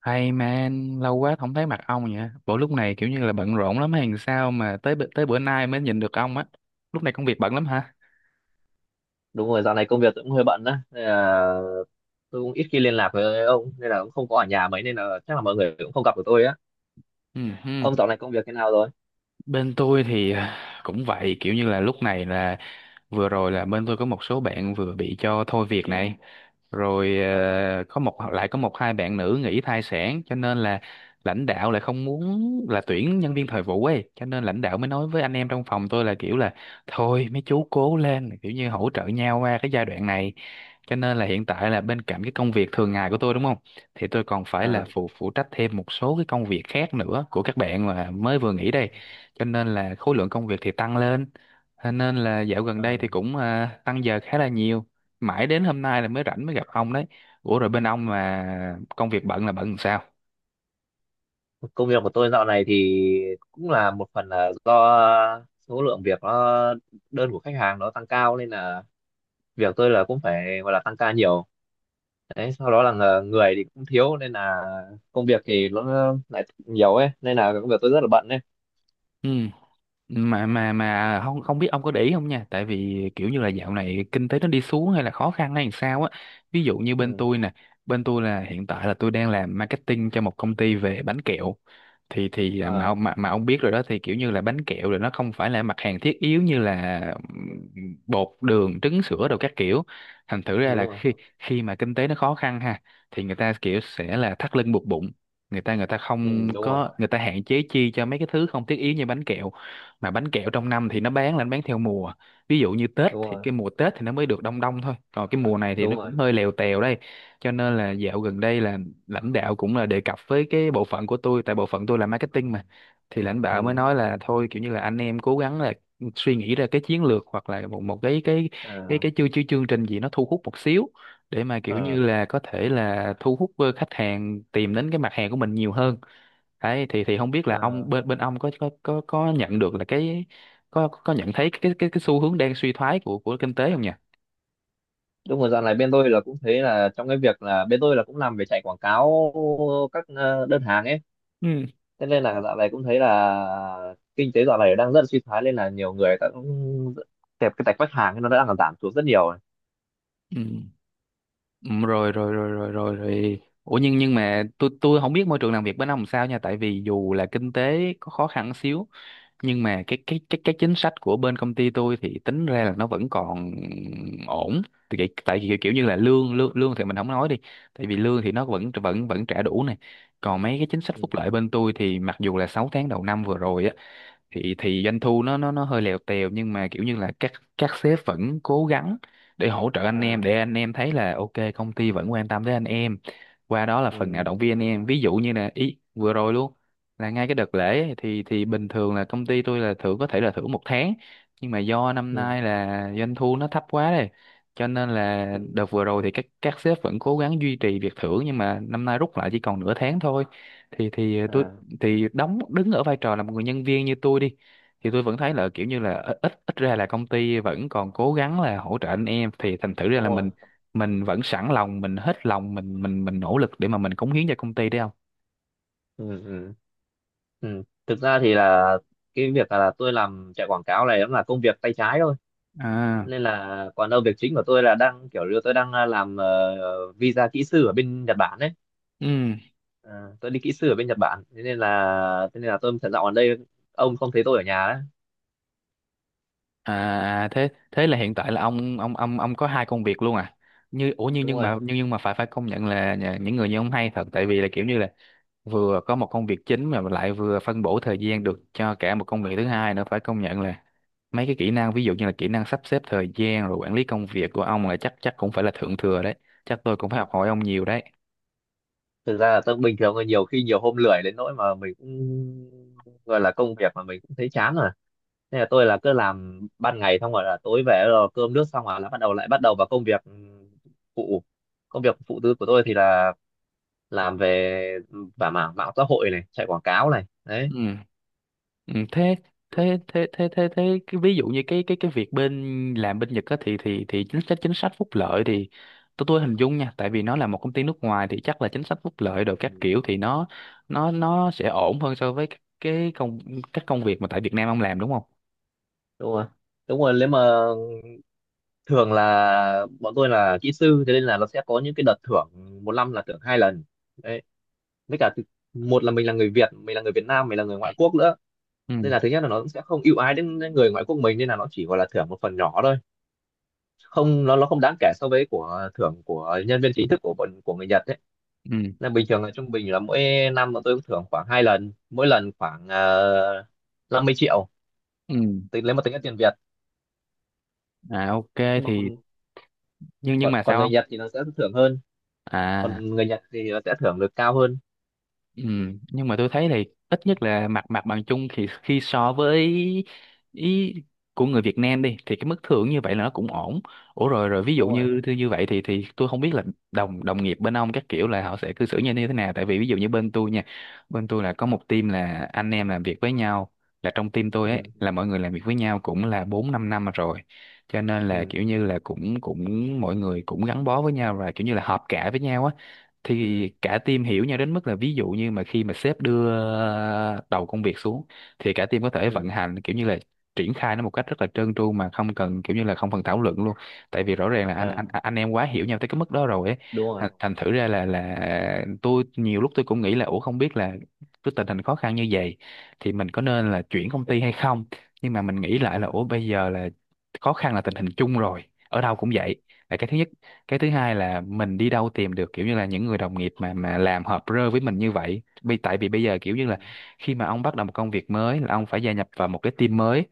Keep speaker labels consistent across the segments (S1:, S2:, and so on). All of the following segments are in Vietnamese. S1: Hay man, lâu quá không thấy mặt ông nhỉ? Bộ lúc này kiểu như là bận rộn lắm hay sao mà tới bữa nay mới nhìn được ông á. Lúc này công việc bận lắm hả?
S2: Đúng rồi, dạo này công việc cũng hơi bận đó, nên là tôi cũng ít khi liên lạc với ông, nên là cũng không có ở nhà mấy, nên là chắc là mọi người cũng không gặp được tôi á.
S1: Ừ, hừ.
S2: Ông dạo này công việc thế nào rồi?
S1: Bên tôi thì cũng vậy, kiểu như là lúc này là vừa rồi là bên tôi có một số bạn vừa bị cho thôi việc này. Rồi
S2: à,
S1: có một hai bạn nữ nghỉ thai sản, cho nên là lãnh đạo lại không muốn là tuyển nhân viên thời vụ ấy, cho nên lãnh đạo mới nói với anh em trong phòng tôi là kiểu là thôi mấy chú cố lên, kiểu như hỗ trợ nhau qua cái giai đoạn này. Cho nên là hiện tại là bên cạnh cái công việc thường ngày của tôi, đúng không, thì tôi còn phải là
S2: à.
S1: phụ phụ trách thêm một số cái công việc khác nữa của các bạn mà mới vừa nghỉ đây. Cho nên là khối lượng công việc thì tăng lên. Thế nên là dạo gần đây
S2: Ờ,
S1: thì cũng tăng giờ khá là nhiều, mãi đến hôm nay là mới rảnh mới gặp ông đấy. Ủa rồi bên ông mà công việc bận là bận làm sao?
S2: Công việc của tôi dạo này thì cũng là một phần là do số lượng việc nó, đơn của khách hàng nó tăng cao, nên là việc tôi là cũng phải gọi là tăng ca nhiều đấy, sau đó là người thì cũng thiếu, nên là công việc thì nó lại nhiều ấy, nên là công việc tôi rất là bận đấy.
S1: Ừ, mà không không biết ông có để ý không nha, tại vì kiểu như là dạo này kinh tế nó đi xuống hay là khó khăn hay làm sao á. Ví dụ như bên
S2: Ừ.
S1: tôi nè, bên tôi là hiện tại là tôi đang làm marketing cho một công ty về bánh kẹo. Thì mà
S2: Ờ,
S1: ông mà ông biết rồi đó, thì kiểu như là bánh kẹo rồi, nó không phải là mặt hàng thiết yếu như là bột đường trứng sữa đồ các kiểu. Thành thử ra
S2: đúng
S1: là
S2: rồi.
S1: khi khi mà kinh tế nó khó khăn ha, thì người ta kiểu sẽ là thắt lưng buộc bụng, người ta
S2: Ừ,
S1: không
S2: đúng rồi,
S1: có, người ta hạn chế chi cho mấy cái thứ không thiết yếu như bánh kẹo. Mà bánh kẹo trong năm thì nó bán là nó bán theo mùa, ví dụ như Tết,
S2: đúng
S1: thì
S2: rồi,
S1: cái mùa Tết thì nó mới được đông đông thôi, còn cái mùa này thì
S2: đúng
S1: nó
S2: rồi.
S1: cũng hơi lèo tèo đây. Cho nên là dạo gần đây là lãnh đạo cũng là đề cập với cái bộ phận của tôi, tại bộ phận tôi là marketing mà. Thì lãnh đạo mới
S2: Ừ.
S1: nói là thôi kiểu như là anh em cố gắng là suy nghĩ ra cái chiến lược, hoặc là một một cái cái cái
S2: À,
S1: cái chương chương chương trình gì nó thu hút một xíu, để mà kiểu như
S2: à,
S1: là có thể là thu hút khách hàng tìm đến cái mặt hàng của mình nhiều hơn đấy. Thì không biết là
S2: à.
S1: ông bên bên ông có nhận được là cái có nhận thấy cái cái xu hướng đang suy thoái của kinh tế không nhỉ?
S2: Đúng rồi, dạo này bên tôi là cũng thấy là trong cái việc là bên tôi là cũng làm về chạy quảng cáo các đơn hàng ấy.
S1: Ừ.
S2: Thế nên là dạo này cũng thấy là kinh tế dạo này đang rất là suy thoái, nên là nhiều người ta cũng kẹp cái tạch khách hàng ấy, nó đang giảm xuống rất nhiều rồi.
S1: Ừ. Ừ, rồi rồi rồi rồi rồi rồi ủa nhưng mà tôi không biết môi trường làm việc bên ông sao nha, tại vì dù là kinh tế có khó khăn xíu, nhưng mà cái chính sách của bên công ty tôi thì tính ra là nó vẫn còn ổn. Tại vì kiểu như là lương lương lương thì mình không nói đi, tại vì lương thì nó vẫn vẫn vẫn trả đủ này. Còn mấy cái chính sách
S2: Ừ.
S1: phúc lợi bên tôi thì mặc dù là 6 tháng đầu năm vừa rồi á, thì doanh thu nó nó hơi lèo tèo, nhưng mà kiểu như là các sếp vẫn cố gắng để hỗ trợ anh em,
S2: À.
S1: để anh em thấy là ok, công ty vẫn quan tâm tới anh em, qua đó là phần nào
S2: Ừ.
S1: động viên anh em. Ví dụ như là ý vừa rồi luôn, là ngay cái đợt lễ ấy, thì bình thường là công ty tôi là thưởng, có thể là thưởng 1 tháng, nhưng mà do năm
S2: Ừ.
S1: nay là doanh thu nó thấp quá đây, cho nên là
S2: Ừ.
S1: đợt vừa rồi thì các sếp vẫn cố gắng duy trì việc thưởng, nhưng mà năm nay rút lại chỉ còn nửa tháng thôi. Thì tôi
S2: À,
S1: thì đứng ở vai trò là một người nhân viên như tôi đi, thì tôi vẫn thấy là kiểu như là ít ít ít ra là công ty vẫn còn cố gắng là hỗ trợ anh em, thì thành thử ra
S2: đúng
S1: là
S2: rồi.
S1: mình vẫn sẵn lòng, mình hết lòng, mình nỗ lực để mà mình cống hiến cho công ty đấy, không?
S2: Ừ. Ừ. Ừ. Thực ra thì là cái việc là tôi làm chạy quảng cáo này cũng là công việc tay trái thôi,
S1: À.
S2: nên là còn đâu việc chính của tôi là đang kiểu như tôi đang làm visa kỹ sư ở bên Nhật Bản đấy.
S1: Ừ.
S2: Ờ, tôi đi kỹ sư ở bên Nhật Bản, thế nên là tôi thật dạo ở đây ông không thấy tôi ở nhà đấy.
S1: À, à, thế thế là hiện tại là ông có hai công việc luôn à? Ủa nhưng
S2: Đúng
S1: nhưng
S2: rồi,
S1: mà nhưng nhưng mà phải phải công nhận là những người như ông hay thật, tại vì là kiểu như là vừa có một công việc chính, mà lại vừa phân bổ thời gian được cho cả một công việc thứ hai nữa. Phải công nhận là mấy cái kỹ năng, ví dụ như là kỹ năng sắp xếp thời gian rồi quản lý công việc của ông là chắc chắc cũng phải là thượng thừa đấy. Chắc tôi cũng phải học hỏi ông nhiều đấy.
S2: thực ra là tôi bình thường là nhiều khi nhiều hôm lười đến nỗi mà mình cũng gọi là công việc mà mình cũng thấy chán rồi, nên là tôi là cứ làm ban ngày xong rồi là tối về rồi cơm nước xong rồi là bắt đầu lại bắt đầu vào công việc phụ, công việc phụ tư của tôi thì là làm về và mảng mạng xã hội này, chạy quảng cáo này đấy.
S1: Ừ. Ừ thế thế thế thế thế thế cái, ví dụ như cái cái việc bên làm bên Nhật á, thì chính sách phúc lợi thì tôi hình dung nha, tại vì nó là một công ty nước ngoài thì chắc là chính sách phúc lợi rồi
S2: Ừ,
S1: các kiểu thì nó sẽ ổn hơn so với các- cái công các công việc mà tại Việt Nam ông làm, đúng không?
S2: đúng rồi, đúng rồi. Nếu mà thường là bọn tôi là kỹ sư, thế nên là nó sẽ có những cái đợt thưởng, một năm là thưởng hai lần đấy, với cả một là mình là người Việt, mình là người Việt Nam, mình là người ngoại quốc nữa, nên
S1: Ừ.
S2: là thứ nhất là nó cũng sẽ không ưu ái đến đến người ngoại quốc mình, nên là nó chỉ gọi là thưởng một phần nhỏ thôi. Không, nó không đáng kể so với của thưởng của nhân viên chính thức của bọn, của người Nhật đấy,
S1: Ừ.
S2: nên bình thường là trung bình là mỗi năm bọn tôi cũng thưởng khoảng hai lần, mỗi lần khoảng 50 triệu.
S1: Ừ.
S2: Tính lấy một, tính là tiền Việt,
S1: À, ok
S2: nhưng mà
S1: thì.
S2: còn
S1: Nhưng
S2: còn
S1: mà
S2: còn
S1: sao
S2: người
S1: không?
S2: Nhật thì nó sẽ thưởng hơn.
S1: À.
S2: Còn người Nhật thì nó sẽ thưởng được cao hơn.
S1: Ừ, nhưng mà tôi thấy thì ít nhất là mặt mặt bằng chung thì khi so với ý của người Việt Nam đi, thì cái mức thưởng như vậy là nó cũng ổn. Ủa rồi rồi, ví dụ
S2: Đúng rồi.
S1: như như như vậy thì tôi không biết là đồng đồng nghiệp bên ông các kiểu là họ sẽ cư xử như thế nào. Tại vì ví dụ như bên tôi nha, bên tôi là có một team là anh em làm việc với nhau, là trong team tôi ấy
S2: Ừ,
S1: là mọi người làm việc với nhau cũng là 4-5 năm rồi. Cho nên là
S2: ừ,
S1: kiểu như là cũng cũng mọi người cũng gắn bó với nhau và kiểu như là hợp cả với nhau á.
S2: ừ,
S1: Thì cả team hiểu nhau đến mức là ví dụ như mà khi mà sếp đưa đầu công việc xuống, thì cả team có thể vận
S2: ừ.
S1: hành, kiểu như là triển khai nó một cách rất là trơn tru, mà không cần kiểu như là không cần thảo luận luôn. Tại vì rõ ràng là anh anh
S2: À,
S1: anh em quá hiểu nhau tới cái mức đó rồi ấy.
S2: đúng rồi.
S1: Thành thành thử ra là tôi nhiều lúc tôi cũng nghĩ là ủa không biết là cái tình hình khó khăn như vậy thì mình có nên là chuyển công ty hay không. Nhưng mà mình nghĩ lại là
S2: Ừ.
S1: ủa bây giờ là khó khăn là tình hình chung rồi, ở đâu cũng vậy, là cái thứ nhất. Cái thứ hai là mình đi đâu tìm được kiểu như là những người đồng nghiệp mà làm hợp rơ với mình như vậy, vì tại vì bây giờ kiểu như
S2: Ừ.
S1: là khi mà ông bắt đầu một công việc mới là ông phải gia nhập vào một cái team mới,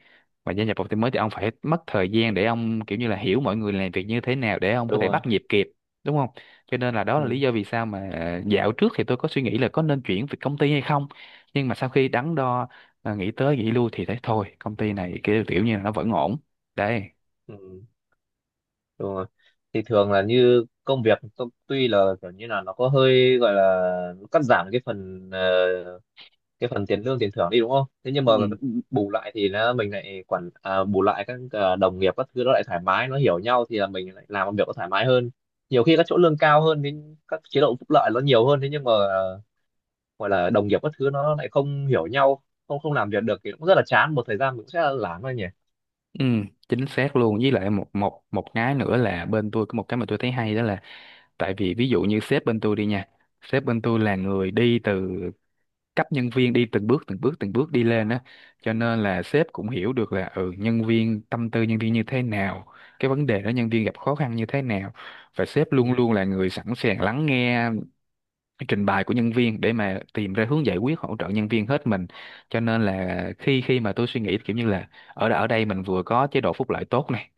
S1: và gia nhập vào team mới thì ông phải mất thời gian để ông kiểu như là hiểu mọi người làm việc như thế nào để ông có
S2: Đúng
S1: thể
S2: rồi.
S1: bắt nhịp kịp, đúng không? Cho nên là đó là lý
S2: Ừ,
S1: do vì sao mà dạo trước thì tôi có suy nghĩ là có nên chuyển việc công ty hay không. Nhưng mà sau khi đắn đo, nghĩ tới nghĩ lui thì thấy thôi công ty này kiểu như là nó vẫn ổn đấy.
S2: ừ, đúng rồi. Thì thường là như công việc tuy là kiểu như là nó có hơi gọi là nó cắt giảm cái phần tiền lương tiền thưởng đi, đúng không, thế nhưng mà bù lại thì nó mình lại quản à, bù lại các đồng nghiệp các thứ nó lại thoải mái, nó hiểu nhau, thì là mình lại làm công việc nó thoải mái hơn. Nhiều khi các chỗ lương cao hơn thì các chế độ phúc lợi nó nhiều hơn, thế nhưng mà gọi là đồng nghiệp các thứ nó lại không hiểu nhau, không không làm việc được thì cũng rất là chán, một thời gian cũng sẽ lán thôi nhỉ.
S1: Ừ, chính xác luôn. Với lại một một một cái nữa là bên tôi có một cái mà tôi thấy hay, đó là tại vì ví dụ như sếp bên tôi đi nha, sếp bên tôi là người đi từ cấp nhân viên, đi từng bước từng bước từng bước đi lên á. Cho
S2: Ừ.
S1: nên là sếp cũng hiểu được là ừ nhân viên, tâm tư nhân viên như thế nào, cái vấn đề đó nhân viên gặp khó khăn như thế nào, và sếp luôn
S2: Ừ.
S1: luôn là người sẵn sàng lắng nghe trình bày của nhân viên để mà tìm ra hướng giải quyết hỗ trợ nhân viên hết mình, cho nên là khi khi mà tôi suy nghĩ kiểu như là ở ở đây mình vừa có chế độ phúc lợi tốt này,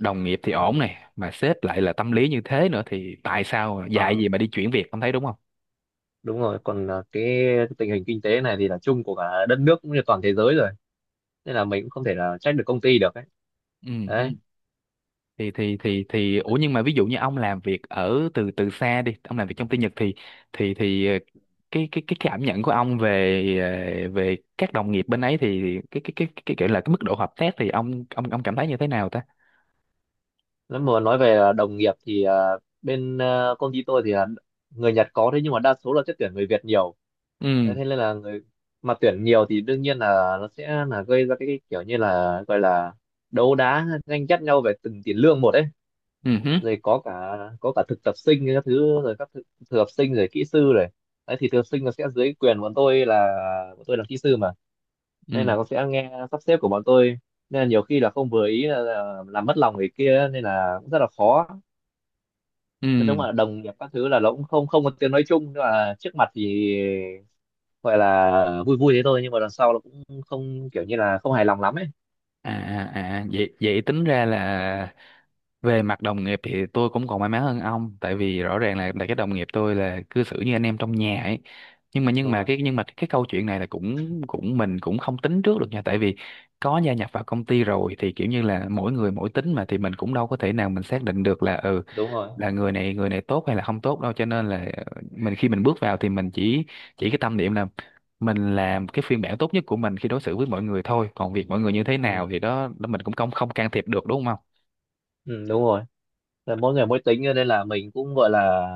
S1: đồng nghiệp thì ổn
S2: Ừ.
S1: này, mà sếp lại là tâm lý như thế nữa thì tại sao dạy
S2: Ờ,
S1: gì mà đi chuyển việc, ông thấy đúng không?
S2: đúng rồi, còn là cái tình hình kinh tế này thì là chung của cả đất nước cũng như toàn thế giới rồi, nên là mình cũng không thể là trách được công ty được ấy.
S1: Ừ hứ.
S2: Đấy.
S1: Thì Ủa, nhưng mà ví dụ như ông làm việc ở từ từ xa đi, ông làm việc trong tư nhật thì thì thì ờ, cái cảm nhận của ông về các đồng nghiệp bên ấy, thì cái mức độ hợp tác thì ông cảm thấy như thế nào ta?
S2: Nếu mà nói về đồng nghiệp thì bên công ty tôi thì là người Nhật có, thế nhưng mà đa số là sẽ tuyển người Việt nhiều. Đấy,
S1: Ừ
S2: thế nên là người mà tuyển nhiều thì đương nhiên là nó sẽ là gây ra cái kiểu như là gọi là đấu đá tranh chấp nhau về từng tiền lương một ấy.
S1: ừ hứ,
S2: Rồi có cả thực tập sinh các thứ, rồi các thực tập sinh rồi kỹ sư rồi. Đấy thì thực tập sinh nó sẽ dưới quyền bọn tôi, là bọn tôi là kỹ sư mà, nên
S1: ừ
S2: là nó sẽ nghe sắp xếp của bọn tôi, nên là nhiều khi là không vừa ý là làm mất lòng người kia, nên là cũng rất là khó. Nên
S1: ừ,
S2: đúng là đồng nghiệp các thứ là nó cũng không không có tiếng nói chung, nhưng mà trước mặt thì gọi là vui vui thế thôi, nhưng mà đằng sau nó cũng không kiểu như là không hài lòng lắm ấy.
S1: à à à, vậy vậy tính ra là về mặt đồng nghiệp thì tôi cũng còn may mắn hơn ông, tại vì rõ ràng là cái đồng nghiệp tôi là cư xử như anh em trong nhà ấy. nhưng mà nhưng mà
S2: Ừ,
S1: cái nhưng mà cái câu chuyện này là cũng cũng mình cũng không tính trước được nha, tại vì có gia nhập vào công ty rồi thì kiểu như là mỗi người mỗi tính mà, thì mình cũng đâu có thể nào mình xác định được là ừ
S2: đúng rồi. Ừ, đúng rồi.
S1: là người này tốt hay là không tốt đâu, cho nên là mình khi mình bước vào thì mình chỉ cái tâm niệm là mình làm cái phiên bản tốt nhất của mình khi đối xử với mọi người thôi, còn việc mọi người như thế nào
S2: Ừ,
S1: thì đó, mình cũng không không can thiệp được, đúng không?
S2: ừ, đúng rồi. Là mỗi người mỗi tính, nên là mình cũng gọi là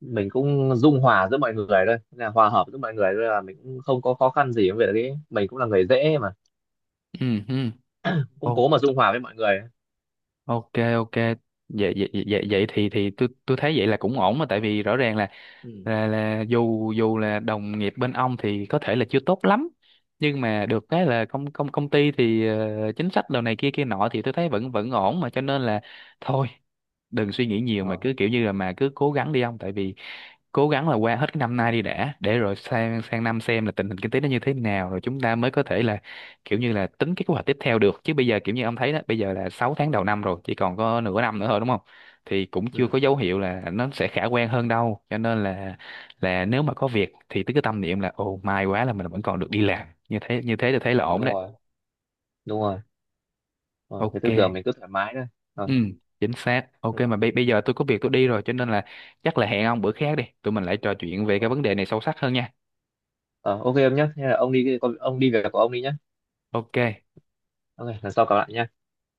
S2: mình cũng dung hòa giữa mọi người thôi, là hòa hợp giữa mọi người thôi, là mình cũng không có khó khăn gì với việc đấy, mình cũng là người dễ mà,
S1: Ừ ừ.
S2: cũng
S1: Ô-
S2: cố mà dung hòa với mọi người.
S1: ok ok, vậy thì tôi thấy vậy là cũng ổn mà, tại vì rõ ràng
S2: Ừ.
S1: là dù dù là đồng nghiệp bên ông thì có thể là chưa tốt lắm, nhưng mà được cái là công công công ty thì chính sách đồ này kia kia nọ thì tôi thấy vẫn vẫn ổn mà, cho nên là thôi, đừng suy nghĩ nhiều mà
S2: Ờ.
S1: cứ kiểu như là mà cứ cố gắng đi ông, tại vì cố gắng là qua hết cái năm nay đi đã, để rồi sang sang năm xem là tình hình kinh tế nó như thế nào rồi chúng ta mới có thể là kiểu như là tính cái kế hoạch tiếp theo được, chứ bây giờ kiểu như ông thấy đó, bây giờ là 6 tháng đầu năm rồi chỉ còn có nửa năm nữa thôi, đúng không? Thì cũng chưa
S2: Ừ.
S1: có dấu hiệu là nó sẽ khả quan hơn đâu, cho nên là nếu mà có việc thì cứ tâm niệm là ồ may quá là mình vẫn còn được đi làm, như thế thì
S2: Ừ.
S1: thấy là ổn
S2: Đúng
S1: đấy.
S2: rồi, đúng rồi. Ờ, cái
S1: Ok.
S2: tư tưởng mình cứ thoải mái thôi. Ờ.
S1: Ừ, chính xác. Ok
S2: Ừ.
S1: mà bây bây giờ tôi có việc tôi đi rồi, cho nên là chắc là hẹn ông bữa khác đi. Tụi mình lại trò chuyện về
S2: Ờ,
S1: cái vấn đề này sâu sắc hơn nha.
S2: ờ, ok em nhé, hay là ông đi, ông đi việc của ông đi nhé.
S1: Ok.
S2: Ok, lần sau gặp lại nhé.